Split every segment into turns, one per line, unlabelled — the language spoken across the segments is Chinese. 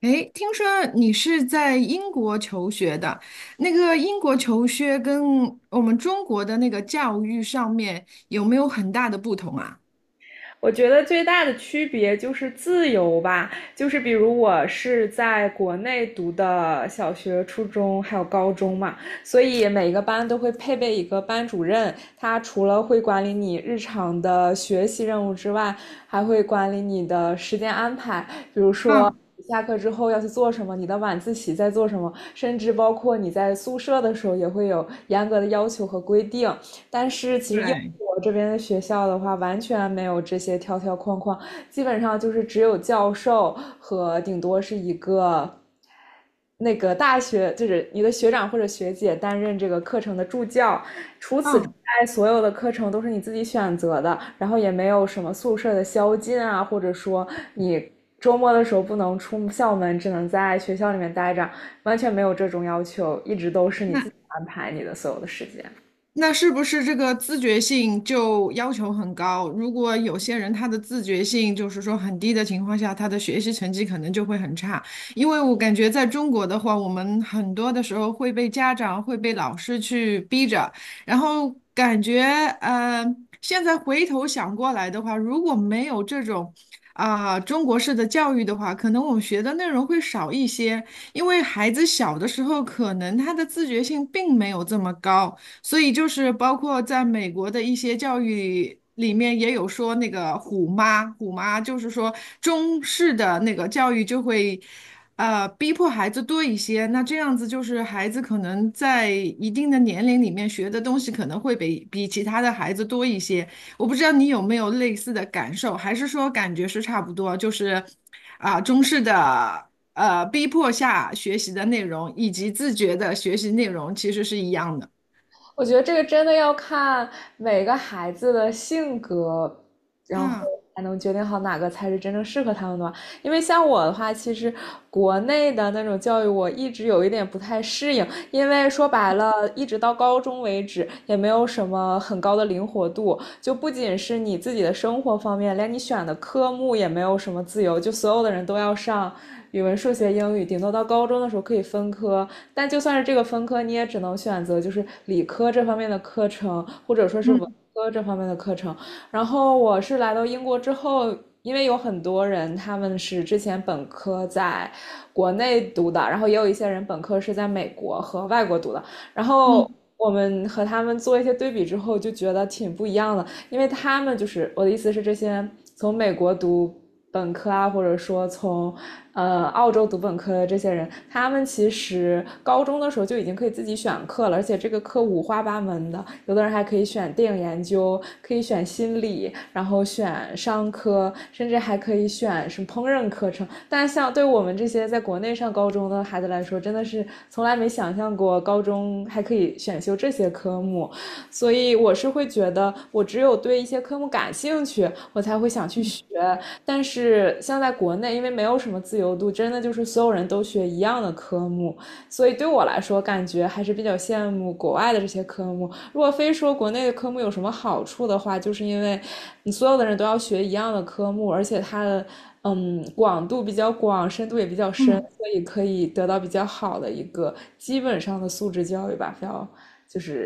诶，听说你是在英国求学的，那个英国求学跟我们中国的那个教育上面有没有很大的不同啊？
我觉得最大的区别就是自由吧，就是比如我是在国内读的小学、初中还有高中嘛，所以每个班都会配备一个班主任，他除了会管理你日常的学习任务之外，还会管理你的时间安排，比如说，
嗯，
下课之后要去做什么，你的晚自习在做什么，甚至包括你在宿舍的时候也会有严格的要求和规定。但是其实英
对，
国这边的学校的话，完全没有这些条条框框，基本上就是只有教授和顶多是一个那个大学，就是你的学长或者学姐担任这个课程的助教，除此之
嗯，
外，所有的课程都是你自己选择的，然后也没有什么宿舍的宵禁啊，或者说你。周末的时候不能出校门，只能在学校里面待着，完全没有这种要求，一直都是你
那
自己安排你的所有的时间。
那是不是这个自觉性就要求很高？如果有些人他的自觉性就是说很低的情况下，他的学习成绩可能就会很差。因为我感觉在中国的话，我们很多的时候会被家长、会被老师去逼着，然后感觉呃，现在回头想过来的话，如果没有这种中国式的教育的话，可能我们学的内容会少一些，因为孩子小的时候可能他的自觉性并没有这么高。所以就是包括在美国的一些教育里面也有说那个虎妈，虎妈就是说中式的那个教育就会，逼迫孩子多一些。那这样子就是孩子可能在一定的年龄里面学的东西可能会比其他的孩子多一些。我不知道你有没有类似的感受，还是说感觉是差不多，就是中式的。逼迫下学习的内容以及自觉的学习内容其实是一样的。
我觉得这个真的要看每个孩子的性格，然后
啊。
才能决定好哪个才是真正适合他们的吧。因为像我的话，其实国内的那种教育我一直有一点不太适应，因为说白了，一直到高中为止也没有什么很高的灵活度，就不仅是你自己的生活方面，连你选的科目也没有什么自由，就所有的人都要上语文、数学、英语，顶多到高中的时候可以分科，但就算是这个分科，你也只能选择就是理科这方面的课程，或者说是文
嗯
科这方面的课程。然后我是来到英国之后，因为有很多人他们是之前本科在国内读的，然后也有一些人本科是在美国和外国读的，然后。
嗯
我们和他们做一些对比之后，就觉得挺不一样的，因为他们就是我的意思是，这些从美国读本科啊，或者说从澳洲读本科的这些人，他们其实高中的时候就已经可以自己选课了，而且这个课五花八门的，有的人还可以选电影研究，可以选心理，然后选商科，甚至还可以选什么烹饪课程。但像对我们这些在国内上高中的孩子来说，真的是从来没想象过高中还可以选修这些科目。所以我是会觉得，我只有对一些科目感兴趣，我才会想去学。但是像在国内，因为没有什么自由度，真的就是所有人都学一样的科目，所以对我来说，感觉还是比较羡慕国外的这些科目。如果非说国内的科目有什么好处的话，就是因为你所有的人都要学一样的科目，而且它的。嗯，广度比较广，深度也比较深，
嗯，
所以可以得到比较好的一个基本上的素质教育吧。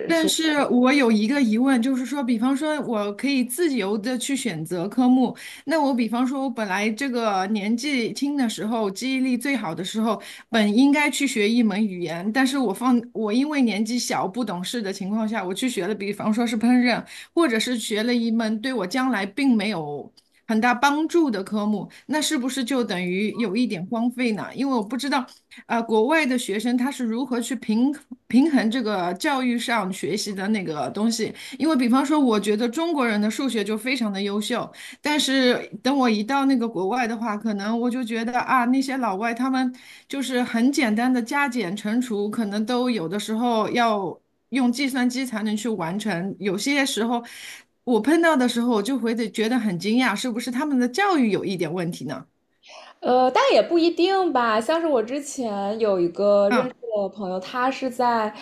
但是我有一个疑问，就是说，比方说，我可以自由的去选择科目。那我比方说，我本来这个年纪轻的时候，记忆力最好的时候，本应该去学一门语言，但是我因为年纪小不懂事的情况下，我去学了，比方说是烹饪。或者是学了一门对我将来并没有很大帮助的科目，那是不是就等于有一点荒废呢？因为我不知道，国外的学生他是如何去平衡这个教育上学习的那个东西。因为比方说，我觉得中国人的数学就非常的优秀，但是等我一到那个国外的话，可能我就觉得那些老外他们就是很简单的加减乘除，可能都有的时候要用计算机才能去完成。有些时候，我碰到的时候，我就会得觉得很惊讶，是不是他们的教育有一点问题呢？
但也不一定吧。像是我之前有一个认
嗯
识的朋友，他是在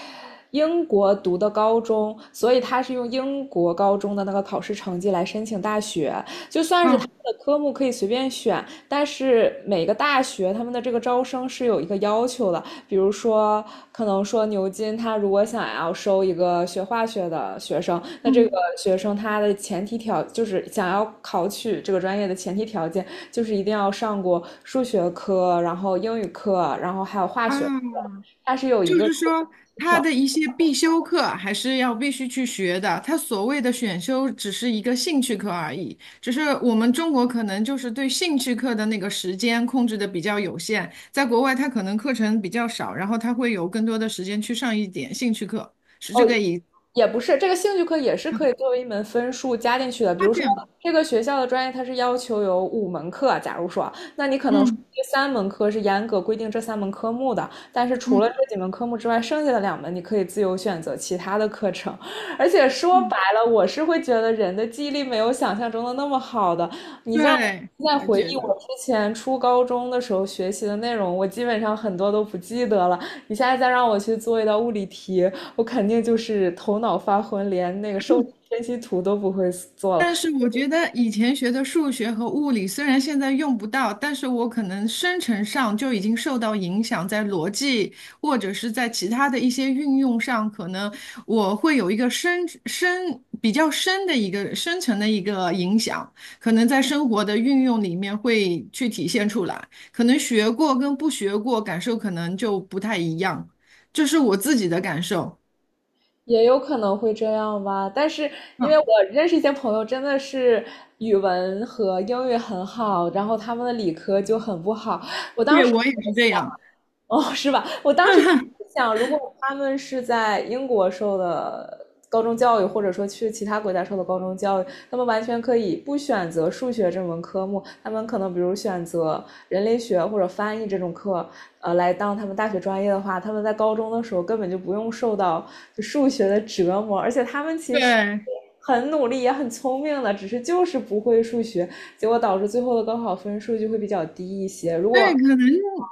英国读的高中，所以他是用英国高中的那个考试成绩来申请大学。就算是他
嗯
的科目可以随便选，但是每个大学他们的这个招生是有一个要求的，比如说，可能说牛津他如果想要收一个学化学的学生，那这个
嗯
学生他的前提条就是想要考取这个专业的前提条件就是一定要上过数学科，然后英语课，然后还有化学课，
啊，
它是有一
就
个
是说他的一些必修课还是要必须去学的，他所谓的选修只是一个兴趣课而已，只是我们中国可能就是对兴趣课的那个时间控制的比较有限，在国外他可能课程比较少，然后他会有更多的时间去上一点兴趣课，是
哦，
这个意
也不是，这个兴趣课也是可以作为一门分数加进去的。比
差
如
距。
说，这个学校的专业它是要求有五门课，假如说，那你可能说
嗯。
这三门课是严格规定这三门科目的，但是除了
嗯
这几门科目之外，剩下的两门你可以自由选择其他的课程。而且说
嗯，
白了，我是会觉得人的记忆力没有想象中的那么好的。你让我
对，
现在
我
回
觉
忆
得，
我之前初高中的时候学习的内容，我基本上很多都不记得了。你现在再让我去做一道物理题，我肯定就是头脑发昏，连那个受力分析图都不会做了，
但是我觉得以前学的数学和物理，虽然现在用不到，但是我可能生成上就已经受到影响，在逻辑或者是在其他的一些运用上，可能我会有一个比较深的一个深层的一个影响，可能在生活的运用里面会去体现出来，可能学过跟不学过感受可能就不太一样，这是我自己的感受。
也有可能会这样吧。但是因为
嗯，
我认识一些朋友，真的是语文和英语很好，然后他们的理科就很不好。我当
对，
时就
我也
在
是这
想，
样。
哦，是吧？我当时 想，如果他们是在英国受的高中教育，或者说去其他国家受的高中教育，他们完全可以不选择数学这门科目，他们可能比如选择人类学或者翻译这种课，来当他们大学专业的话，他们在高中的时候根本就不用受到就数学的折磨，而且他们其实
对，
很努力也很聪明的，只是就是不会数学，结果导致最后的高考分数就会比较低一些。
对，可能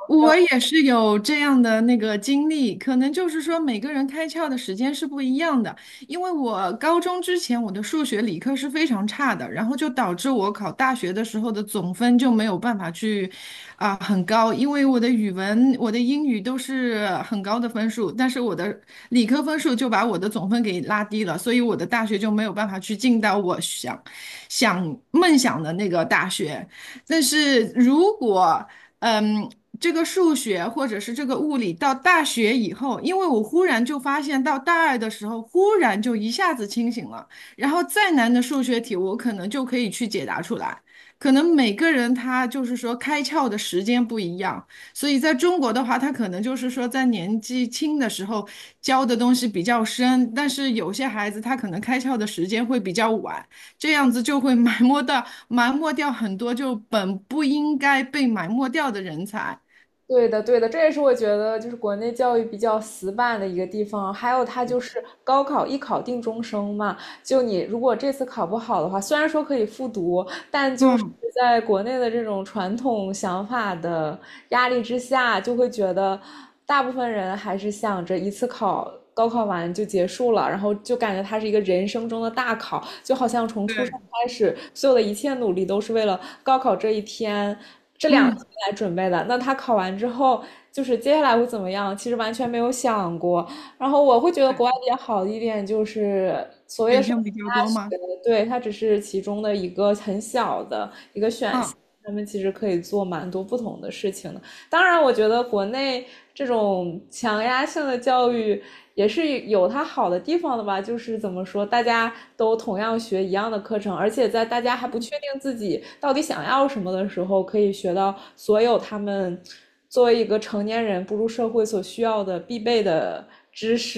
我也是有这样的那个经历，可能就是说每个人开窍的时间是不一样的。因为我高中之前我的数学理科是非常差的，然后就导致我考大学的时候的总分就没有办法去很高，因为我的语文、我的英语都是很高的分数，但是我的理科分数就把我的总分给拉低了，所以我的大学就没有办法去进到想梦想的那个大学。但是如果嗯，这个数学或者是这个物理到大学以后，因为我忽然就发现，到大二的时候，忽然就一下子清醒了。然后再难的数学题，我可能就可以去解答出来。可能每个人他就是说开窍的时间不一样，所以在中国的话，他可能就是说在年纪轻的时候教的东西比较深，但是有些孩子他可能开窍的时间会比较晚。这样子就会埋没掉很多就本不应该被埋没掉的人才。
对的，对的，这也是我觉得就是国内教育比较死板的一个地方。还有它就是高考一考定终生嘛，就你如果这次考不好的话，虽然说可以复读，但就是
嗯，
在国内的这种传统想法的压力之下，就会觉得大部分人还是想着一次考。高考完就结束了，然后就感觉它是一个人生中的大考，就好像从出生
对，
开始，所有的一切努力都是为了高考这一天、这两
嗯，
天来准备的。那他考完之后，就是接下来会怎么样？其实完全没有想过。然后我会觉得国外比较好的一点就是所谓
选
的申
项比
请
较
大
多吗？
学，对，它只是其中的一个很小的一个选
嗯，
项，他们其实可以做蛮多不同的事情的。当然，我觉得国内这种强压性的教育也是有它好的地方的吧，就是怎么说，大家都同样学一样的课程，而且在大家还不确定自己到底想要什么的时候，可以学到所有他们作为一个成年人步入社会所需要的必备的。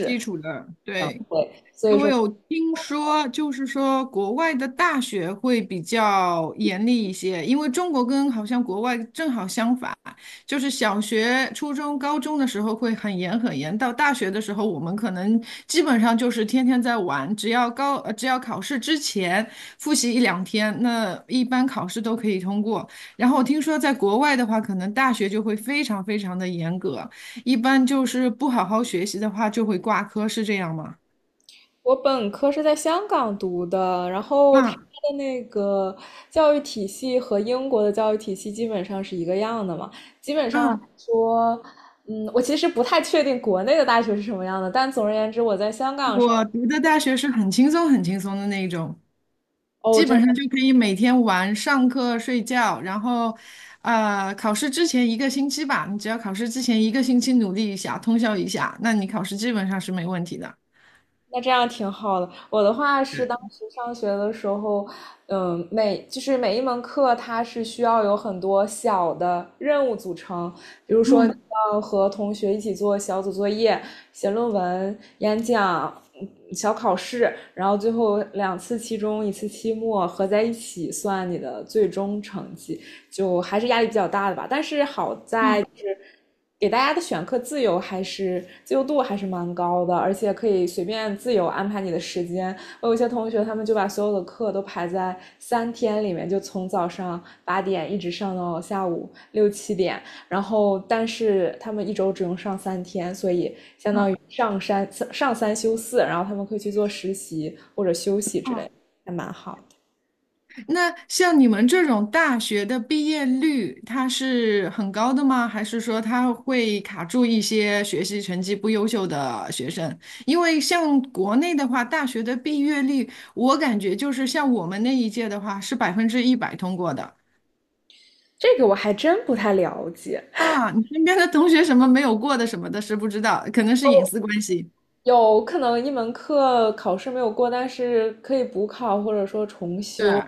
基础的，对。
对，
我有听说，就是说国外的大学会比较严厉一些，因为中国跟好像国外正好相反，就是小学、初中、高中的时候会很严很严，到大学的时候我们可能基本上就是天天在玩，只要考试之前复习一两天，那一般考试都可以通过。然后我听说在国外的话，可能大学就会非常非常的严格，一般就是不好好学习的话就会挂科，是这样吗？
我本科是在香港读的，然后它
啊。
的那个教育体系和英国的教育体系基本上是一个样的嘛。基本上来
嗯，
说，我其实不太确定国内的大学是什么样的，但总而言之，我在香港上，
我读的大学是很轻松、很轻松的那一种，
哦，
基
真
本上就可以每天玩、上课、睡觉，然后，考试之前一个星期吧，你只要考试之前一个星期努力一下、通宵一下，那你考试基本上是没问题的。
那这样挺好的。我的话是当时上学的时候，嗯，每就是每一门课它是需要有很多小的任务组成，比如说
嗯
要和同学一起做小组作业、写论文、演讲、嗯小考试，然后最后两次期中，一次期末合在一起算你的最终成绩。就还是压力比较大的吧。但是好在就是给大家的选课自由还是自由度还是蛮高的，而且可以随便自由安排你的时间。我有一些同学他们就把所有的课都排在三天里面，就从早上八点一直上到下午六七点，然后但是他们一周只用上三天，所以相
嗯，
当于上三上三休四，然后他们可以去做实习或者休息之类
哦，
的还蛮好的。
那像你们这种大学的毕业率，它是很高的吗？还是说它会卡住一些学习成绩不优秀的学生？因为像国内的话，大学的毕业率，我感觉就是像我们那一届的话，是100%通过的
这个我还真不太了解，
啊。你身边的同学什么没有过的什么的，是不知道，可能是隐私关系。
有可能一门课考试没有过，但是可以补考或者说重
对
修，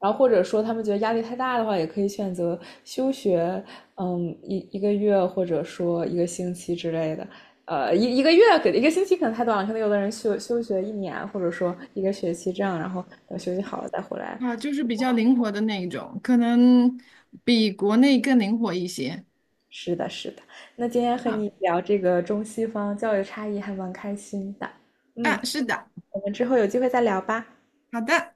然后或者说他们觉得压力太大的话，也可以选择休学，嗯，一个月或者说一个星期之类的。呃，一个月给一个星期可能太短了，可能有的人休学一年，或者说一个学期这样，然后等休息好了再回来。
啊，就是比较灵活的那一种，可能比国内更灵活一些
是的，是的。那今天和
啊。
你聊这个中西方教育差异还蛮开心的，嗯，
啊，是的，
我们之后有机会再聊吧。
好的。